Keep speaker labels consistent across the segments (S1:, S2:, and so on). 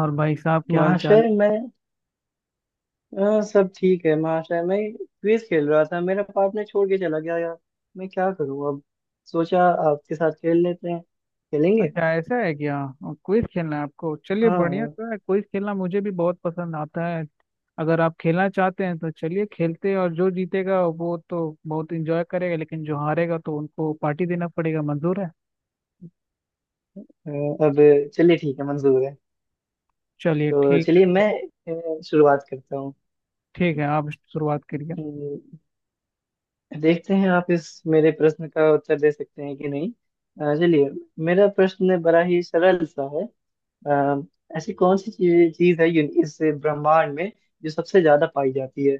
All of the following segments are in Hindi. S1: और भाई साहब, क्या हाल चाल
S2: महाशय
S1: है?
S2: मैं हाँ, सब ठीक है महाशय। मैं क्विज खेल रहा था। मेरा पार्टनर छोड़ के चला गया यार। मैं क्या करूँ अब? सोचा आपके साथ खेल लेते हैं। खेलेंगे?
S1: अच्छा, ऐसा है क्या? क्विज खेलना है आपको? चलिए,
S2: हाँ
S1: बढ़िया
S2: हाँ,
S1: तो है, क्विज खेलना मुझे भी बहुत पसंद आता है। अगर आप खेलना चाहते हैं तो चलिए खेलते हैं, और जो जीतेगा वो तो बहुत इंजॉय करेगा, लेकिन जो हारेगा तो उनको पार्टी देना पड़ेगा। मंजूर है?
S2: हाँ। अब चलिए ठीक है, मंजूर है।
S1: चलिए
S2: तो
S1: ठीक है
S2: चलिए
S1: तो।
S2: मैं शुरुआत करता हूँ।
S1: ठीक है, आप शुरुआत करिए।
S2: हम्म, देखते हैं आप इस मेरे प्रश्न का उत्तर दे सकते हैं कि नहीं। चलिए। मेरा प्रश्न बड़ा ही सरल सा है। अ, ऐसी कौन सी चीज चीज है इस ब्रह्मांड में जो सबसे ज्यादा पाई जाती है?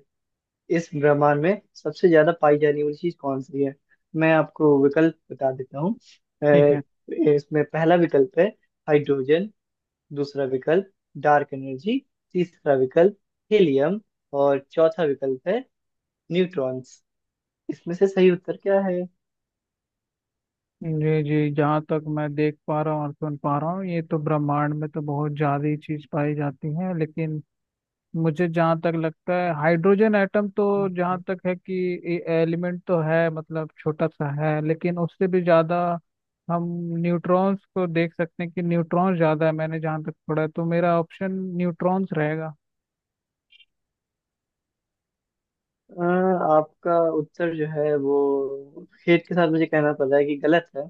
S2: इस ब्रह्मांड में सबसे ज्यादा पाई जाने वाली चीज कौन सी है? मैं आपको विकल्प बता देता हूँ।
S1: ठीक
S2: अ,
S1: है।
S2: इसमें पहला विकल्प है हाइड्रोजन। दूसरा विकल्प, डार्क एनर्जी। तीसरा विकल्प, हीलियम। और चौथा विकल्प है न्यूट्रॉन्स। इसमें से सही उत्तर क्या है?
S1: जी जी, जहाँ तक मैं देख पा रहा हूँ और सुन पा रहा हूँ, ये तो ब्रह्मांड में तो बहुत ज्यादा ही चीज पाई जाती है, लेकिन मुझे जहाँ तक लगता है, हाइड्रोजन एटम तो, जहाँ
S2: हम्म।
S1: तक है कि, एलिमेंट तो है, मतलब छोटा सा है, लेकिन उससे भी ज़्यादा हम न्यूट्रॉन्स को देख सकते हैं कि न्यूट्रॉन्स ज़्यादा है। मैंने जहाँ तक पढ़ा है तो मेरा ऑप्शन न्यूट्रॉन्स रहेगा।
S2: अ, आपका उत्तर जो है वो खेद के साथ मुझे कहना पड़ रहा है कि गलत है।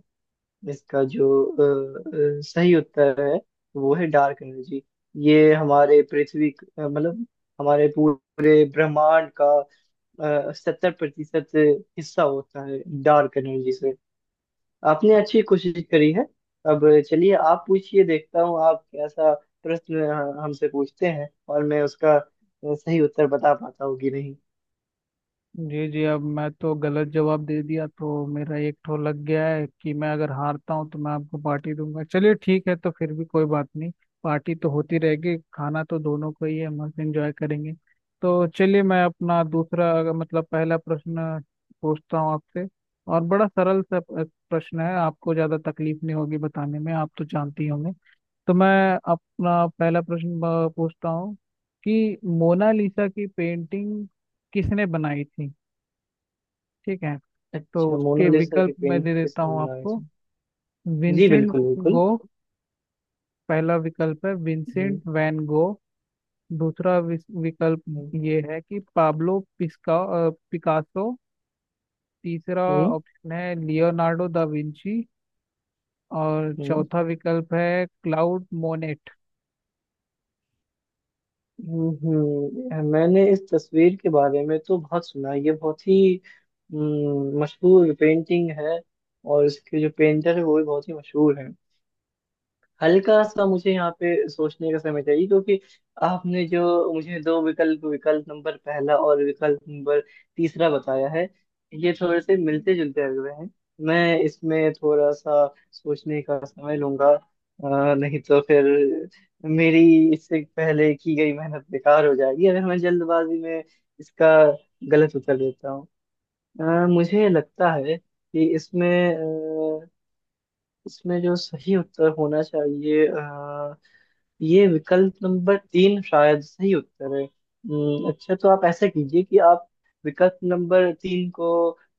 S2: इसका जो सही उत्तर है वो है डार्क एनर्जी। ये हमारे मतलब, हमारे पूरे ब्रह्मांड का 70% हिस्सा होता है डार्क एनर्जी से। आपने अच्छी कोशिश करी है। अब चलिए, आप पूछिए। देखता हूँ आप कैसा प्रश्न हमसे पूछते हैं और मैं उसका सही उत्तर बता पाता हूँ कि नहीं।
S1: जी जी, अब मैं तो गलत जवाब दे दिया, तो मेरा एक ठो लग गया है कि मैं अगर हारता हूँ तो मैं आपको पार्टी दूंगा। चलिए ठीक है, तो फिर भी कोई बात नहीं। पार्टी तो होती रहेगी, खाना तो दोनों को ही है, मस्त एंजॉय करेंगे। तो चलिए, मैं अपना दूसरा अगर- मतलब पहला प्रश्न पूछता हूँ आपसे। और बड़ा सरल सा प्रश्न है, आपको ज्यादा तकलीफ नहीं होगी बताने में, आप तो जानती होंगे। तो मैं अपना पहला प्रश्न पूछता हूँ कि मोनालिसा की पेंटिंग किसने बनाई थी। ठीक है। तो
S2: अच्छा,
S1: उसके
S2: मोनालिसा की
S1: विकल्प मैं दे
S2: पेंटिंग
S1: देता
S2: किसने
S1: हूँ
S2: बनाई
S1: आपको।
S2: थी? जी
S1: विंसेंट
S2: बिल्कुल
S1: वैन
S2: बिल्कुल।
S1: गो। पहला विकल्प है विंसेंट
S2: हम्म
S1: वैन गो। दूसरा विकल्प
S2: हम्म
S1: ये है कि पाब्लो पिकासो। तीसरा
S2: हम्म
S1: ऑप्शन है लियोनार्डो दा विंची। और
S2: हम्म।
S1: चौथा विकल्प है क्लाउड मोनेट।
S2: मैंने इस तस्वीर के बारे में तो बहुत सुना है। ये बहुत ही मशहूर पेंटिंग है। और इसके जो पेंटर है वो भी बहुत ही मशहूर है। हल्का सा मुझे यहाँ पे सोचने का समय चाहिए, क्योंकि आपने जो मुझे दो विकल्प, विकल्प नंबर पहला और विकल्प नंबर तीसरा बताया है, ये थोड़े से मिलते जुलते लग रहे हैं। मैं इसमें थोड़ा सा सोचने का समय लूंगा। नहीं तो फिर मेरी इससे पहले की गई मेहनत बेकार हो जाएगी अगर मैं जल्दबाजी में इसका गलत उत्तर देता हूँ। मुझे लगता है कि अ, इसमें जो सही उत्तर होना चाहिए, ये विकल्प नंबर तीन शायद सही उत्तर है। अच्छा, तो आप ऐसा कीजिए कि आप विकल्प नंबर तीन को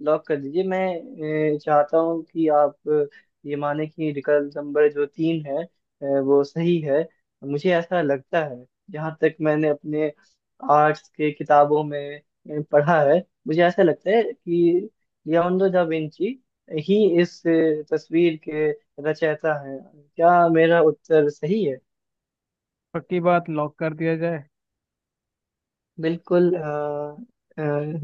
S2: लॉक कर दीजिए। मैं चाहता हूँ कि आप ये माने कि विकल्प नंबर जो तीन है वो सही है। मुझे ऐसा लगता है। जहाँ तक मैंने अपने आर्ट्स के किताबों में पढ़ा है, मुझे ऐसा लगता है कि लियोनार्डो दा विंची ही इस तस्वीर के रचयिता हैं। क्या मेरा उत्तर सही है?
S1: पक्की बात, लॉक कर दिया जाए।
S2: बिल्कुल।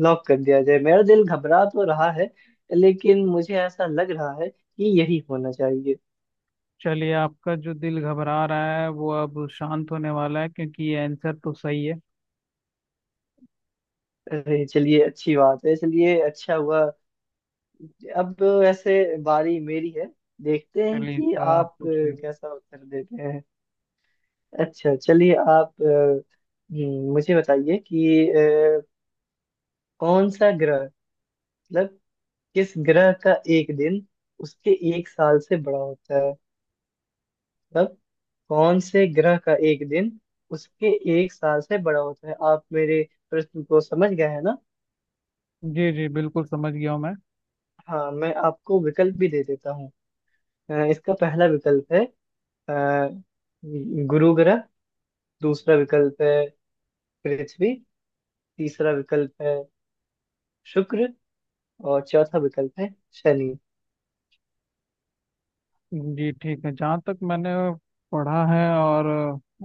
S2: लॉक कर दिया जाए। मेरा दिल घबरा तो रहा है, लेकिन मुझे ऐसा लग रहा है कि यही होना चाहिए।
S1: चलिए, आपका जो दिल घबरा रहा है वो अब शांत होने वाला है, क्योंकि ये आंसर तो सही है।
S2: अरे चलिए, अच्छी बात है। चलिए, अच्छा हुआ। अब ऐसे बारी मेरी है। देखते हैं
S1: चलिए,
S2: कि
S1: तो आप
S2: आप
S1: पूछिए।
S2: कैसा उत्तर देते हैं। अच्छा चलिए, आप मुझे बताइए कि कौन सा ग्रह, मतलब किस ग्रह का एक दिन उसके एक साल से बड़ा होता है? मतलब कौन से ग्रह का एक दिन उसके एक साल से बड़ा होता है? आप मेरे प्रश्न को समझ गए हैं ना?
S1: जी जी, बिल्कुल समझ गया हूँ मैं।
S2: हाँ, मैं आपको विकल्प भी दे देता हूँ। इसका पहला विकल्प है अ, गुरु ग्रह। दूसरा विकल्प है पृथ्वी। तीसरा विकल्प है शुक्र। और चौथा विकल्प है शनि।
S1: जी ठीक है। जहाँ तक मैंने पढ़ा है और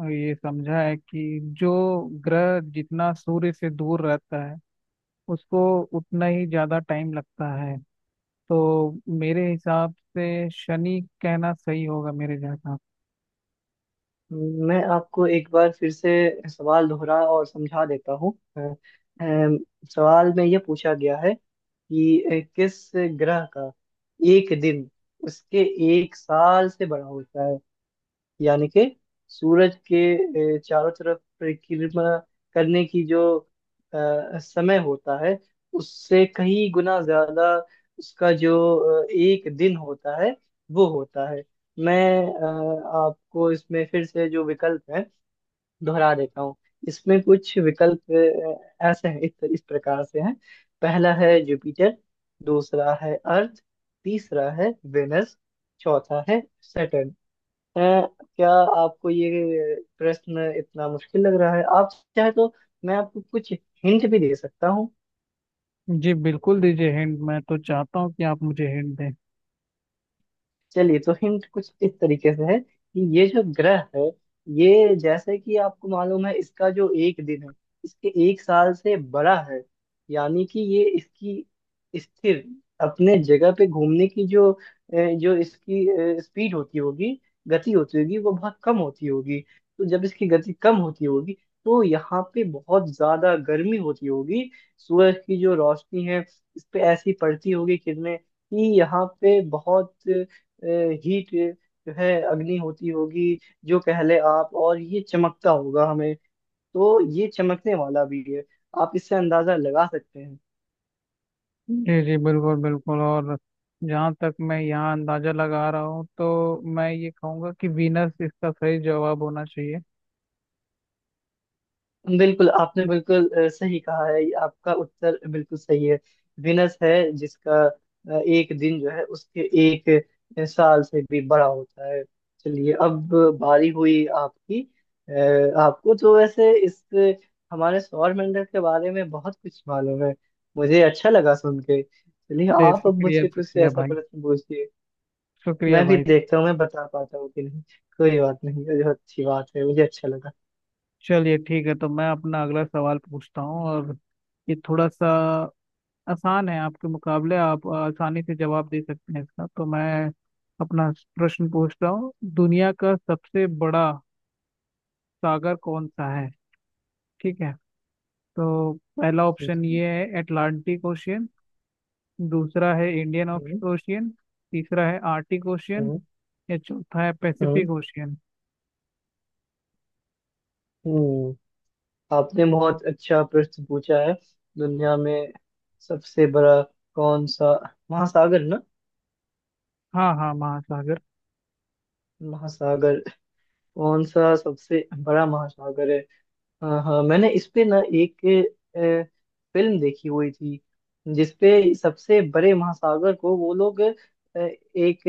S1: ये समझा है कि जो ग्रह जितना सूर्य से दूर रहता है, उसको उतना ही ज़्यादा टाइम लगता है, तो मेरे हिसाब से शनि कहना सही होगा। मेरे जहाँ
S2: मैं आपको एक बार फिर से सवाल दोहरा और समझा देता हूँ। सवाल में यह पूछा गया है कि किस ग्रह का एक दिन उसके एक साल से बड़ा होता है। यानी कि सूरज के चारों तरफ परिक्रमा करने की जो समय होता है उससे कहीं गुना ज्यादा उसका जो एक दिन होता है, वो होता है। मैं आपको इसमें फिर से जो विकल्प है दोहरा देता हूँ। इसमें कुछ विकल्प ऐसे हैं, इस प्रकार से हैं। पहला है जुपिटर। दूसरा है अर्थ। तीसरा है वेनस। चौथा है सैटर्न। है क्या? आपको ये प्रश्न इतना मुश्किल लग रहा है? आप चाहे तो मैं आपको कुछ हिंट भी दे सकता हूँ।
S1: जी, बिल्कुल दीजिए हिंट। मैं तो चाहता हूँ कि आप मुझे हिंट दें।
S2: चलिए, तो हिंट कुछ इस तरीके से है कि ये जो ग्रह है, ये, जैसे कि आपको मालूम है, इसका जो एक दिन है इसके एक साल से बड़ा है। यानी कि ये इसकी स्थिर अपने जगह पे घूमने की जो इसकी स्पीड होती होगी, गति होती होगी, वो बहुत कम होती होगी। तो जब इसकी गति कम होती होगी, तो यहाँ पे बहुत ज्यादा गर्मी होती होगी। सूरज की जो रोशनी है, इस पे ऐसी पड़ती होगी किरणें कि यहाँ पे बहुत हीट जो है, अग्नि होती होगी, जो कह ले आप, और ये चमकता होगा हमें। तो ये चमकने वाला भी है। आप इससे अंदाजा लगा सकते हैं।
S1: जी जी, बिल्कुल बिल्कुल। और जहाँ तक मैं यहाँ अंदाज़ा लगा रहा हूँ, तो मैं ये कहूँगा कि वीनस इसका सही जवाब होना चाहिए।
S2: बिल्कुल, आपने बिल्कुल सही कहा है। आपका उत्तर बिल्कुल सही है। विनस है जिसका एक दिन जो है उसके एक साल से भी बड़ा होता है। चलिए अब बारी हुई आपकी। अ, आपको तो वैसे इस हमारे सौरमंडल के बारे में बहुत कुछ मालूम है। मुझे अच्छा लगा सुन के। चलिए
S1: जी,
S2: आप अब
S1: शुक्रिया
S2: मुझसे कुछ
S1: शुक्रिया
S2: ऐसा
S1: भाई।
S2: प्रश्न पूछिए।
S1: शुक्रिया
S2: मैं भी
S1: भाई।
S2: देखता हूँ मैं बता पाता हूँ कि नहीं। कोई बात नहीं, ये बहुत अच्छी बात है, मुझे अच्छा लगा।
S1: चलिए ठीक है, तो मैं अपना अगला सवाल पूछता हूँ। और ये थोड़ा सा आसान है आपके मुकाबले, आप आसानी से जवाब दे सकते हैं इसका। तो मैं अपना प्रश्न पूछ रहा हूँ, दुनिया का सबसे बड़ा सागर कौन सा है? ठीक है। तो पहला
S2: ठीक
S1: ऑप्शन
S2: है।
S1: ये है अटलांटिक ओशियन। दूसरा है इंडियन
S2: हम्म
S1: ओशियन। तीसरा है आर्टिक ओशियन।
S2: हम्म
S1: या चौथा है
S2: हम्म।
S1: Pacific Ocean.
S2: हम्म। आपने बहुत अच्छा प्रश्न पूछा है। दुनिया में सबसे बड़ा कौन सा महासागर, ना?
S1: हाँ हाँ, महासागर।
S2: महासागर? कौन सा सबसे बड़ा महासागर है? हाँ हाँ, मैंने इस पे ना एक अ, फिल्म देखी हुई थी, जिसपे सबसे बड़े महासागर को वो लोग एक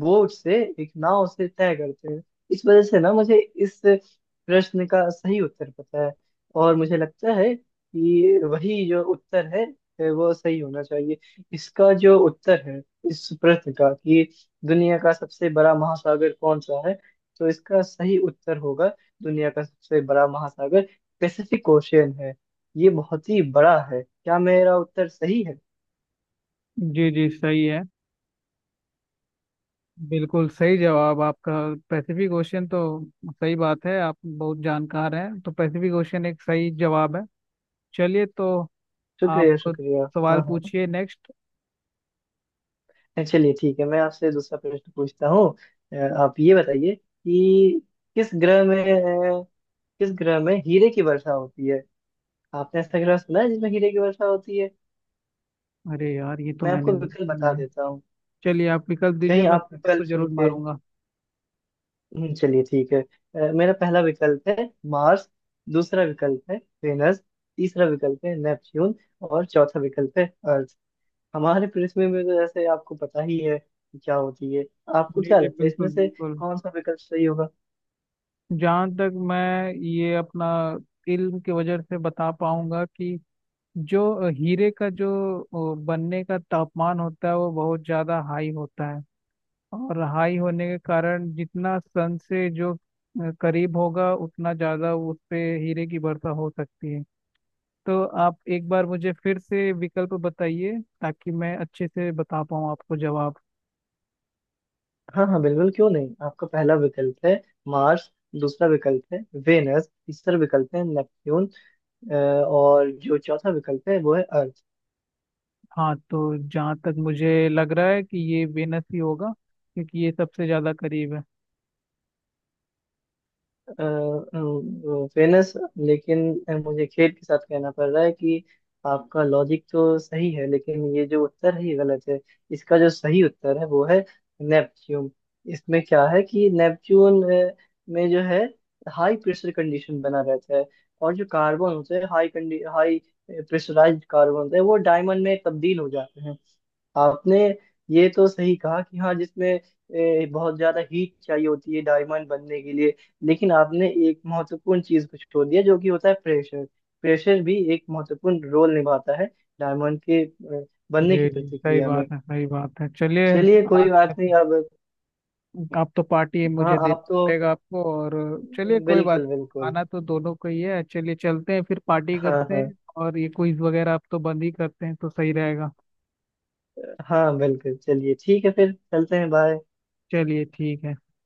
S2: बोट से, एक नाव से तय करते हैं। इस वजह से ना मुझे इस प्रश्न का सही उत्तर पता है। और मुझे लगता है कि वही जो उत्तर है वो सही होना चाहिए। इसका जो उत्तर है इस प्रश्न का कि दुनिया का सबसे बड़ा महासागर कौन सा है, तो इसका सही उत्तर होगा, दुनिया का सबसे बड़ा महासागर पैसिफिक ओशियन है। ये बहुत ही बड़ा है। क्या मेरा उत्तर सही है?
S1: जी जी, सही है। बिल्कुल सही जवाब आपका। पैसिफिक ओशियन तो सही बात है। आप बहुत जानकार हैं, तो पैसिफिक ओशियन एक सही जवाब है। चलिए, तो आप
S2: शुक्रिया शुक्रिया।
S1: सवाल
S2: हाँ
S1: पूछिए नेक्स्ट।
S2: हाँ, चलिए ठीक है, मैं आपसे दूसरा प्रश्न पूछता हूँ। अ, आप ये बताइए कि किस ग्रह में अ, किस ग्रह में हीरे की वर्षा होती है? आपने ऐसा ग्रह सुना है जिसमें हीरे की वर्षा होती है?
S1: अरे यार, ये तो
S2: मैं
S1: मैंने
S2: आपको
S1: नहीं
S2: विकल्प
S1: सुना
S2: बता
S1: है।
S2: देता हूँ।
S1: चलिए, आप विकल्प दीजिए,
S2: कहीं
S1: मैं
S2: आप
S1: तुक्का तो
S2: विकल्प सुन
S1: जरूर
S2: के।
S1: मारूंगा।
S2: चलिए ठीक है। मेरा पहला विकल्प है मार्स। दूसरा विकल्प है वेनस। तीसरा विकल्प है नेपच्यून। और चौथा विकल्प है अर्थ। हमारे पृथ्वी में तो जैसे आपको पता ही है कि क्या होती है। आपको
S1: जी
S2: क्या
S1: जी,
S2: लगता है इसमें
S1: बिल्कुल
S2: से
S1: बिल्कुल।
S2: कौन सा विकल्प सही होगा?
S1: जहाँ तक मैं ये अपना इल्म की वजह से बता पाऊंगा कि जो हीरे का जो बनने का तापमान होता है, वो बहुत ज्यादा हाई होता है। और हाई होने के कारण, जितना सन से जो करीब होगा, उतना ज्यादा उस पे हीरे की वर्षा हो सकती है। तो आप एक बार मुझे फिर से विकल्प बताइए, ताकि मैं अच्छे से बता पाऊँ आपको जवाब।
S2: हाँ हाँ, बिल्कुल, क्यों नहीं। आपका पहला विकल्प है मार्स। दूसरा विकल्प है वेनस। तीसरा विकल्प है नेपच्यून। और जो चौथा विकल्प है वो है अर्थ।
S1: हाँ, तो जहाँ तक मुझे लग रहा है कि ये वेनस ही होगा, क्योंकि ये सबसे ज्यादा करीब है।
S2: फेमस। लेकिन मुझे खेद के साथ कहना पड़ रहा है कि आपका लॉजिक तो सही है, लेकिन ये जो उत्तर है ये गलत है। इसका जो सही उत्तर है वो है नेपच्यून। इसमें क्या है कि नेपच्यून में जो है हाई प्रेशर कंडीशन बना रहता है, और जो कार्बन होते हैं, हाई हाई प्रेशराइज्ड कार्बन होते हैं वो डायमंड में तब्दील हो जाते हैं। आपने ये तो सही कहा कि हाँ जिसमें बहुत ज्यादा हीट चाहिए होती है डायमंड बनने के लिए। लेकिन आपने एक महत्वपूर्ण चीज को छोड़ दिया जो कि होता है प्रेशर। प्रेशर भी एक महत्वपूर्ण रोल निभाता है डायमंड के बनने की
S1: जी जी, सही
S2: प्रतिक्रिया में।
S1: बात है, सही बात है। चलिए।
S2: चलिए कोई
S1: आज का,
S2: बात नहीं। अब
S1: अब तो पार्टी
S2: हाँ,
S1: मुझे
S2: आप
S1: देना
S2: तो
S1: पड़ेगा आपको। और चलिए, कोई बात
S2: बिल्कुल
S1: नहीं,
S2: बिल्कुल।
S1: खाना तो दोनों को ही है। चलिए चलते हैं, फिर पार्टी
S2: हाँ
S1: करते
S2: हाँ।
S1: हैं। और ये क्विज वगैरह अब तो बंद ही करते हैं तो सही रहेगा।
S2: हाँ बिल्कुल, चलिए ठीक है, फिर चलते हैं। बाय।
S1: चलिए ठीक है।